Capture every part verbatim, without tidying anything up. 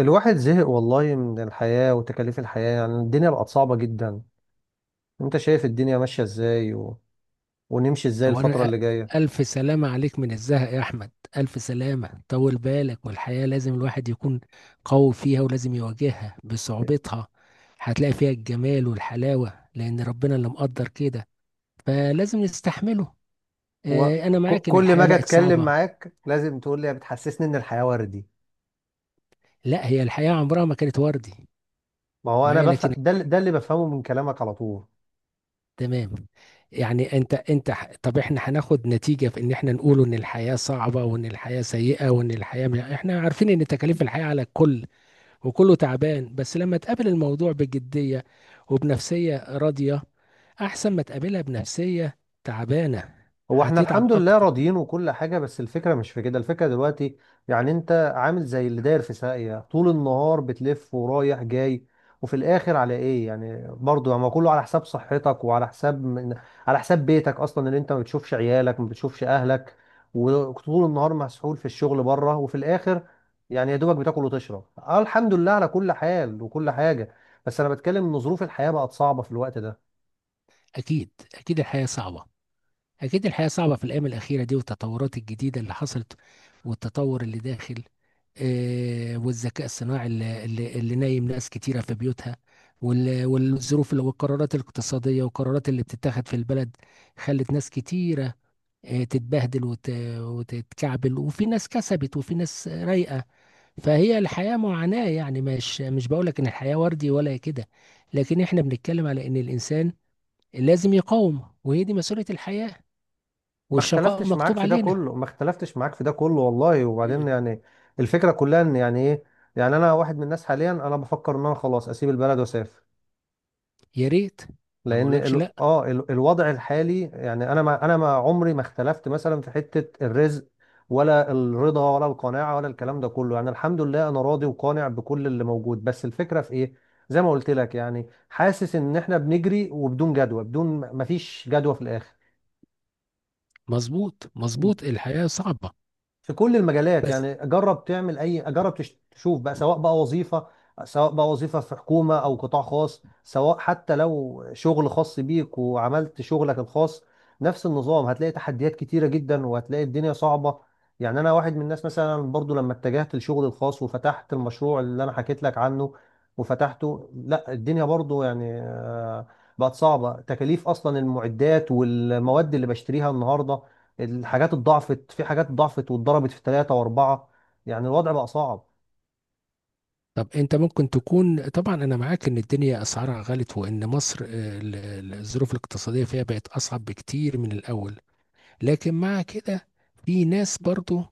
الواحد زهق والله من الحياة وتكاليف الحياة، يعني الدنيا بقت صعبة جدا. انت شايف الدنيا ماشية ازاي و... ونمشي ازاي الفترة أولا أ- اللي جاية؟ ألف سلامة عليك من الزهق يا أحمد. ألف سلامة، طول بالك، والحياة لازم الواحد يكون قوي فيها ولازم يواجهها بصعوبتها. هتلاقي فيها الجمال والحلاوة لأن ربنا اللي مقدر كده، فلازم نستحمله. و... آه، أنا ك... معاك إن كل ما الحياة اجي بقت اتكلم صعبة. معاك لازم تقول لي، بتحسسني ان الحياة وردي. لا، هي الحياة عمرها ما كانت وردي ما هو انا معايا. بفهم لكن ده, اللي- ده اللي بفهمه من كلامك على طول. تمام. يعني انت انت ح- طب احنا هناخد نتيجة في ان احنا نقول ان الحياة صعبة وان الحياة سيئة وان الحياة م- احنا عارفين ان تكاليف الحياة على الكل وكله تعبان. بس لما تقابل الموضوع بجدية وبنفسية راضية، أحسن ما تقابلها بنفسية تعبانة، هو احنا هتتعب الحمد لله أكتر. راضيين وكل حاجة، بس الفكرة مش في كده. الفكرة دلوقتي يعني انت عامل زي اللي داير في ساقية طول النهار بتلف ورايح جاي، وفي الاخر على ايه؟ يعني برضه ما كله على حساب صحتك وعلى حساب من، على حساب بيتك اصلا، اللي انت ما بتشوفش عيالك ما بتشوفش اهلك وطول النهار مسحول في الشغل بره، وفي الاخر يعني يا دوبك بتاكل وتشرب. اه الحمد لله على كل حال وكل حاجة، بس انا بتكلم ان ظروف الحياة بقت صعبة في الوقت ده. أكيد أكيد الحياة صعبة. أكيد الحياة صعبة في الأيام الأخيرة دي، والتطورات الجديدة اللي حصلت والتطور اللي داخل، آه، والذكاء الصناعي اللي, اللي, اللي نايم ناس كتيرة في بيوتها، وال- والظروف اللي- والقرارات الاقتصادية والقرارات اللي بتتاخد في البلد خلت ناس كتيرة، آه، تتبهدل وت... وتتكعبل. وفي ناس كسبت وفي ناس رايقة. فهي الحياة معاناة، يعني مش مش بقولك ان الحياة وردي ولا كده، لكن احنا بنتكلم على ان الانسان لازم يقاوم. وهي دي مسؤولية الحياة، ما والشقاء اختلفتش معاك مكتوب في ده علينا. كله، ما اختلفتش معاك في ده كله والله، وبعدين مم. يعني الفكرة كلها ان يعني ايه، يعني انا واحد من الناس حاليا انا بفكر ان انا خلاص اسيب البلد واسافر. يا ريت. ما لان بقولكش ال... لا. اه ال... الوضع الحالي يعني انا ما انا ما عمري ما اختلفت مثلا في حتة الرزق ولا الرضا ولا القناعة ولا الكلام ده كله. يعني الحمد لله انا راضي وقانع بكل اللي موجود، بس الفكرة في ايه؟ زي ما قلت لك، يعني حاسس ان احنا بنجري وبدون جدوى، بدون ما فيش جدوى في الاخر، مظبوط مظبوط، الحياة صعبة. في كل المجالات. بس يعني جرب تعمل اي جرب تش- تشوف بقى، سواء بقى وظيفه، سواء بقى وظيفه في حكومه او قطاع خاص، سواء حتى لو شغل خاص بيك وعملت شغلك الخاص، نفس النظام. هتلاقي تحديات كتيره جدا وهتلاقي الدنيا صعبه. يعني انا واحد من الناس مثلا، برضو لما اتجهت للشغل الخاص وفتحت المشروع اللي انا حكيت لك عنه وفتحته، لا الدنيا برضو يعني آه، بقت صعبه. تكاليف اصلا المعدات والمواد اللي بشتريها النهارده، الحاجات اتضاعفت، في حاجات ضعفت واتضربت في ثلاثة وأربعة. يعني الوضع بقى صعب. طب انت ممكن تكون. طبعا انا معاك ان الدنيا اسعارها غلت، وان مصر آه، ال- ال- الظروف الاقتصادية فيها بقت اصعب بكتير من الاول. لكن مع كده في ناس برضو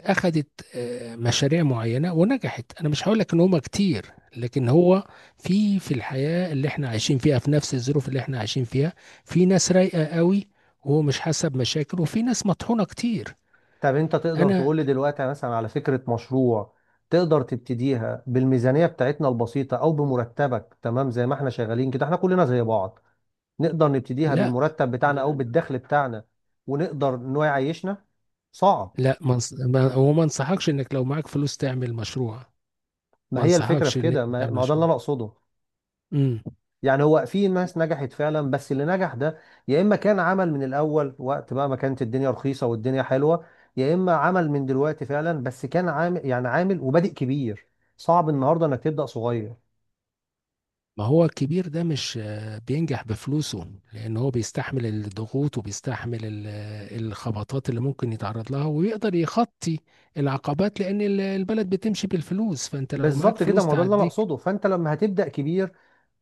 اخدت آه، مشاريع معينة ونجحت. انا مش هقول لك ان هما كتير، لكن هو في في الحياة اللي احنا عايشين فيها، في نفس الظروف اللي احنا عايشين فيها، في ناس رايقة قوي وهو مش حاسة بمشاكل، وفي ناس مطحونة كتير. طب أنت تقدر انا تقول لي دلوقتي يعني مثلا على فكرة مشروع، تقدر تبتديها بالميزانية بتاعتنا البسيطة أو بمرتبك؟ تمام، زي ما احنا شغالين كده احنا كلنا زي بعض، نقدر نبتديها لا، بالمرتب بتاعنا أو بالدخل بتاعنا، ونقدر إن هو يعيشنا؟ صعب. لا، ما انص- ما- هو ما انصحكش انك لو معاك فلوس تعمل مشروع. ما ما هي الفكرة انصحكش في ان انت كده، ما تعمل ما هو ده اللي مشروع. أنا أقصده. إمم. يعني هو في ناس نجحت فعلا، بس اللي نجح ده يا اما كان عمل من الاول وقت بقى ما كانت الدنيا رخيصه والدنيا حلوه، يا اما عمل من دلوقتي فعلا بس كان عامل يعني عامل وبادئ كبير. صعب النهارده انك تبدا صغير. ما هو الكبير ده مش آه، بينجح بفلوسه لأن هو بيستحمل الضغوط وبيستحمل ال- آه، الخبطات اللي ممكن يتعرض لها، ويقدر يخطي العقبات لأن ال- البلد بتمشي بالفلوس، فأنت لو معاك بالظبط كده، فلوس ما هو ده اللي انا تعديك. اقصده. فانت لما هتبدا كبير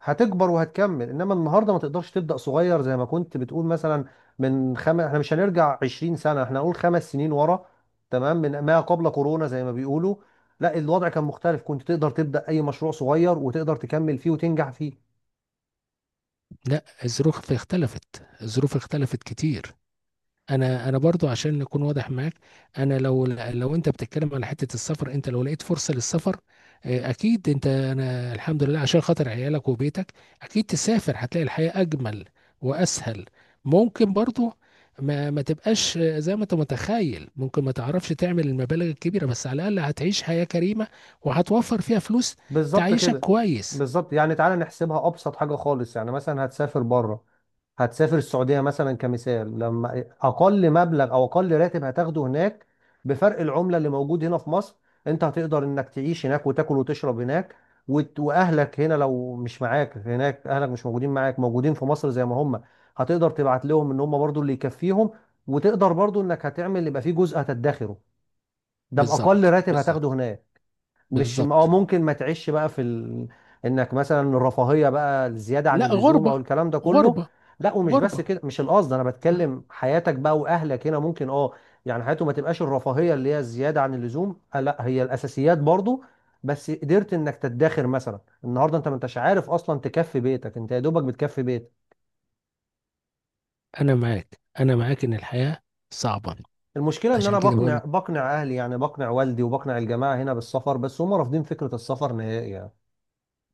هتكبر وهتكمل، انما النهارده ما تقدرش تبدا صغير زي ما كنت بتقول. مثلا من خمس، احنا مش هنرجع عشرين سنه، احنا هنقول خمس سنين ورا، تمام، من ما قبل كورونا زي ما بيقولوا. لا الوضع كان مختلف، كنت تقدر تبدا اي مشروع صغير وتقدر تكمل فيه وتنجح فيه. لا، الظروف اختلفت، الظروف اختلفت كتير. انا انا برضو عشان نكون واضح معاك، انا لو لو انت بتتكلم على حته السفر، انت لو لقيت فرصه للسفر آه، اكيد انت، انا الحمد لله. عشان خاطر عيالك وبيتك اكيد تسافر، هتلاقي الحياه اجمل واسهل. ممكن برضو ما ما تبقاش آه، زي ما انت متخيل، ممكن ما تعرفش تعمل المبالغ الكبيره، بس على الاقل هتعيش حياه كريمه وهتوفر فيها فلوس بالظبط تعيشك كده، كويس. بالظبط. يعني تعالى نحسبها ابسط حاجه خالص. يعني مثلا هتسافر بره، هتسافر السعودية مثلا كمثال، لما أقل مبلغ أو أقل راتب هتاخده هناك بفرق العملة اللي موجود هنا في مصر، أنت هتقدر إنك تعيش هناك وتاكل وتشرب هناك، وت- وأهلك هنا لو مش معاك هناك، أهلك مش موجودين معاك، موجودين في مصر زي ما هم، هتقدر تبعت لهم إن هم برضو اللي يكفيهم، وتقدر برضو إنك هتعمل، يبقى في جزء هتدخره. ده بأقل بالظبط راتب هتاخده بالظبط هناك. مش اه بالظبط. ممكن ما تعيش بقى في ال... انك مثلا الرفاهيه بقى، الزياده عن لا، اللزوم او غربه الكلام ده كله. غربه لا ومش بس غربه. كده، مش القصد، انا بتكلم حياتك بقى. واهلك هنا ممكن اه يعني حياته ما تبقاش الرفاهيه اللي هي الزياده عن اللزوم، آه لا هي الاساسيات برضو، بس قدرت انك تدخر مثلا. النهارده انت ما انتش عارف اصلا تكفي بيتك، انت يا دوبك بتكفي بيتك. انا معاك، انا معاك ان الحياة صعبة. المشكله ان عشان انا كده بقنع، بقولك، بقنع اهلي يعني، بقنع والدي وبقنع الجماعه هنا بالسفر، بس هم رافضين فكره السفر نهائي يعني.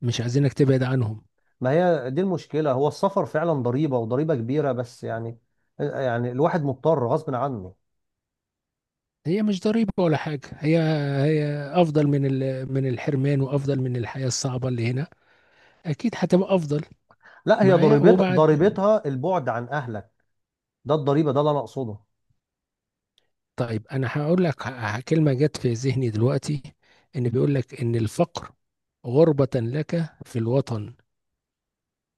مش عايزينك تبعد عنهم. ما هي دي المشكلة. هو السفر فعلا ضريبة وضريبة كبيرة، بس يعني يعني الواحد مضطر غصب عنه. هي مش ضريبة ولا حاجة، هي هي افضل من ال... من الحرمان، وافضل من الحياة الصعبة اللي هنا، اكيد هتبقى افضل. لا هي معايا ضريبت وبعد. ضريبتها البعد عن أهلك، ده الضريبة، ده اللي أنا أقصده. طيب انا هقول لك ه- كلمة جت في ذهني دلوقتي. ان بيقول لك ان الفقر غربة لك في الوطن،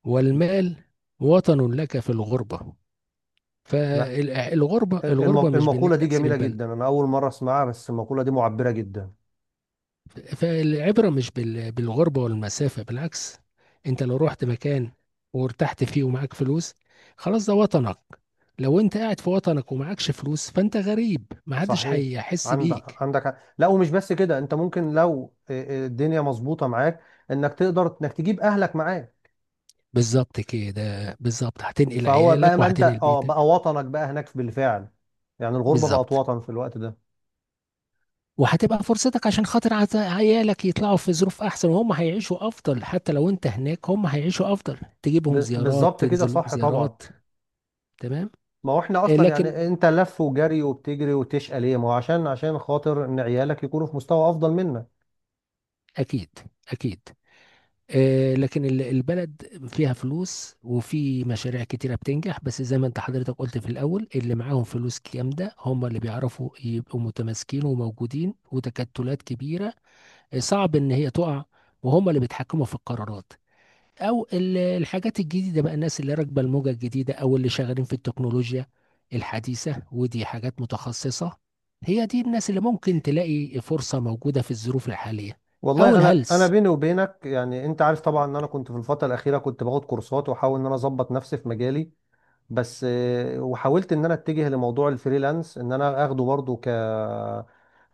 والمال وطن لك في الغربة. أنا فالغربة، الغربة الم- مش بان المقولة انت دي تسيب جميلة البلد. جدا، أنا أول مرة أسمعها، بس المقولة دي معبرة جدا. فالعبرة مش بال- بالغربة والمسافة، بالعكس. انت لو رحت مكان وارتحت فيه ومعاك فلوس، خلاص ده وطنك. لو انت قاعد في وطنك ومعكش فلوس، فانت غريب، محدش صحيح. هيحس عندك بيك. عندك حق. لا ومش بس كده، أنت ممكن لو الدنيا مظبوطة معاك إنك تقدر إنك تجيب أهلك معاك. بالظبط كده، بالظبط، هتنقل فهو بقى، عيالك ما أنت وهتنقل أه بيتك. بقى وطنك بقى هناك بالفعل، يعني الغربة بقت بالظبط. وطن في الوقت ده. وهتبقى فرصتك عشان خاطر عت- عيالك يطلعوا في ظروف احسن، وهم هيعيشوا افضل. حتى لو انت هناك هم هيعيشوا افضل، تجيبهم ب- زيارات، بالظبط كده، تنزل لهم صح طبعا. زيارات. تمام. ما هو احنا آه، اصلا لكن يعني انت لف وجري وبتجري وتشقى ليه؟ ما هو عشان، عشان خاطر ان عيالك يكونوا في مستوى افضل منك. اكيد اكيد. آه، لكن ال- البلد فيها فلوس، وفي مشاريع كتيرة بتنجح. بس زي ما انت حضرتك قلت في الأول، اللي معاهم فلوس جامدة هم اللي بيعرفوا يبقوا متماسكين وموجودين، وتكتلات كبيرة آه، صعب إن هي تقع، وهم اللي بيتحكموا في القرارات. أو ال- الحاجات الجديدة، بقى الناس اللي راكبة الموجة الجديدة أو اللي شغالين في التكنولوجيا الحديثة، ودي حاجات متخصصة. هي دي الناس اللي ممكن تلاقي فرصة موجودة في الظروف الحالية. أو والله انا انا الهلس. بيني وبينك، يعني انت عارف طبعا ان انا كنت في الفتره الاخيره كنت باخد كورسات واحاول ان انا اظبط نفسي في مجالي، بس آه، وحاولت ان انا اتجه لموضوع الفريلانس، ان انا اخده برضو ك،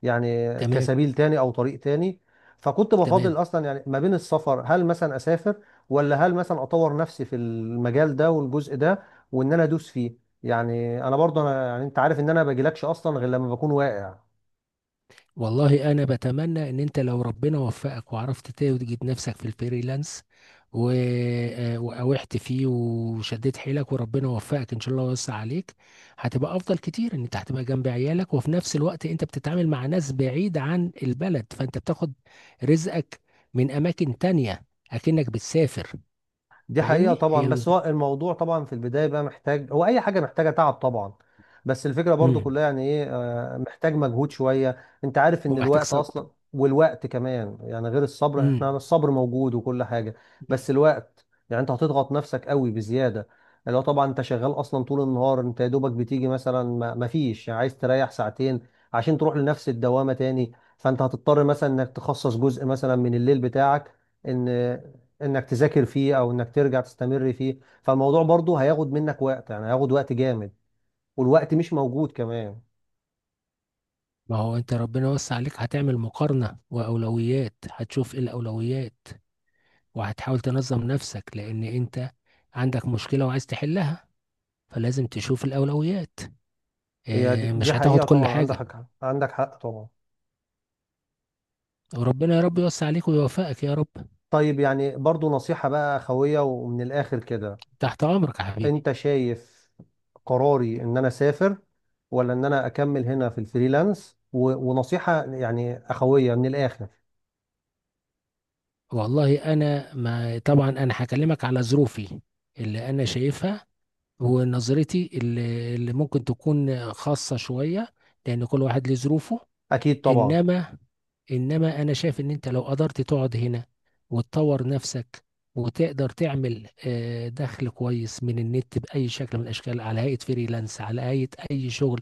يعني تمام كسبيل تاني او طريق تاني. فكنت بفاضل تمام. اصلا يعني ما بين السفر، هل مثلا اسافر ولا هل مثلا اطور نفسي في المجال ده والجزء ده وان انا ادوس فيه. يعني انا برضو انا، يعني انت عارف ان انا ما باجيلكش اصلا غير لما بكون واقع. والله انا بتمنى ان انت لو ربنا وفقك وعرفت توجد نفسك في الفريلانس و... آه، واوحت فيه وشديت حيلك، وربنا وفقك ان شاء الله ويوسع عليك. هتبقى افضل كتير، ان انت هتبقى جنب عيالك وفي نفس الوقت انت بتتعامل مع ناس بعيد عن البلد، فانت بتاخد رزقك من اماكن تانية، اكنك بتسافر. دي حقيقة فاهمني؟ هي طبعا، بس الم... هو الموضوع طبعا في البداية بقى محتاج، هو أي حاجة محتاجة تعب طبعا، بس الفكرة برضو مم. كلها يعني إيه، آه، محتاج مجهود شوية. أنت عارف إن ومحتاج الوقت صبر. أصلا، والوقت كمان يعني غير الصبر، إحنا مم. الصبر موجود وكل حاجة، بس الوقت يعني أنت هتضغط نفسك قوي بزيادة، اللي هو طبعا أنت شغال أصلا طول النهار، أنت يا دوبك بتيجي مثلا، ما ما فيش يعني، عايز تريح ساعتين عشان تروح لنفس الدوامة تاني. فأنت هتضطر مثلا إنك تخصص جزء مثلا من الليل بتاعك ان انك تذاكر فيه او انك ترجع تستمر فيه. فالموضوع برضه هياخد منك وقت، يعني هياخد وقت جامد، والوقت مش موجود كمان. ما هو انت ربنا وسع عليك، هتعمل مقارنة واولويات، هتشوف ايه الاولويات، وهتحاول تنظم نفسك لان انت عندك مشكلة وعايز تحلها، فلازم تشوف الاولويات. هي دي آه، دي مش هتاخد حقيقة كل طبعا، عندك حاجة. حق عندك حق طبعا. وربنا يا رب يوسع عليك ويوفقك يا رب. طيب يعني برضه نصيحة بقى خوية ومن الاخر كده، تحت امرك يا حبيبي. انت شايف قراري ان انا اسافر ولا ان انا اكمل هنا في الفريلانس؟ و- ونصيحة يعني اخوية من الاخر. والله انا ما طبعا انا هكلمك على ظروفي اللي انا شايفها، ونظرتي اللي اللي ممكن تكون خاصة شوية، لان كل واحد له ظروفه. اكيد طبعا. انما انما انا شايف ان انت لو قدرت تقعد هنا، وتطور نفسك، وتقدر تعمل آه، دخل كويس من النت باي شكل من الاشكال، على هيئه فريلانس، على هيئه اي شغل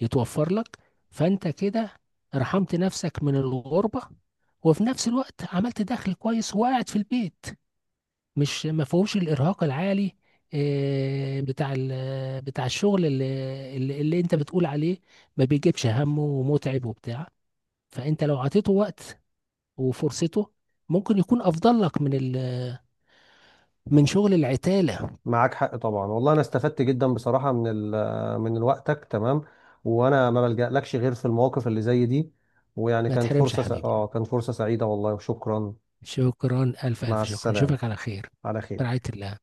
يتوفر لك، فانت كده رحمت نفسك من الغربه، وفي نفس الوقت عملت دخل كويس وقاعد في البيت. مش ما فيهوش الارهاق العالي آه، بتاع ال- بتاع الشغل اللي, اللي اللي انت بتقول عليه، ما بيجيبش همه ومتعب وبتاع. فانت لو عطيته وقت وفرصته، ممكن يكون افضل لك من ال- من شغل العتاله. معاك حق طبعا، والله انا استفدت جدا بصراحه من ال من وقتك تمام، وانا ما بلجألكش غير في المواقف اللي زي دي. ويعني ما كانت تحرمش يا فرصه س... حبيبي. اه كانت فرصه سعيده والله، وشكرا. شكرا، الف مع الف شكرا، السلامه، نشوفك على خير. على في خير. رعايه الله.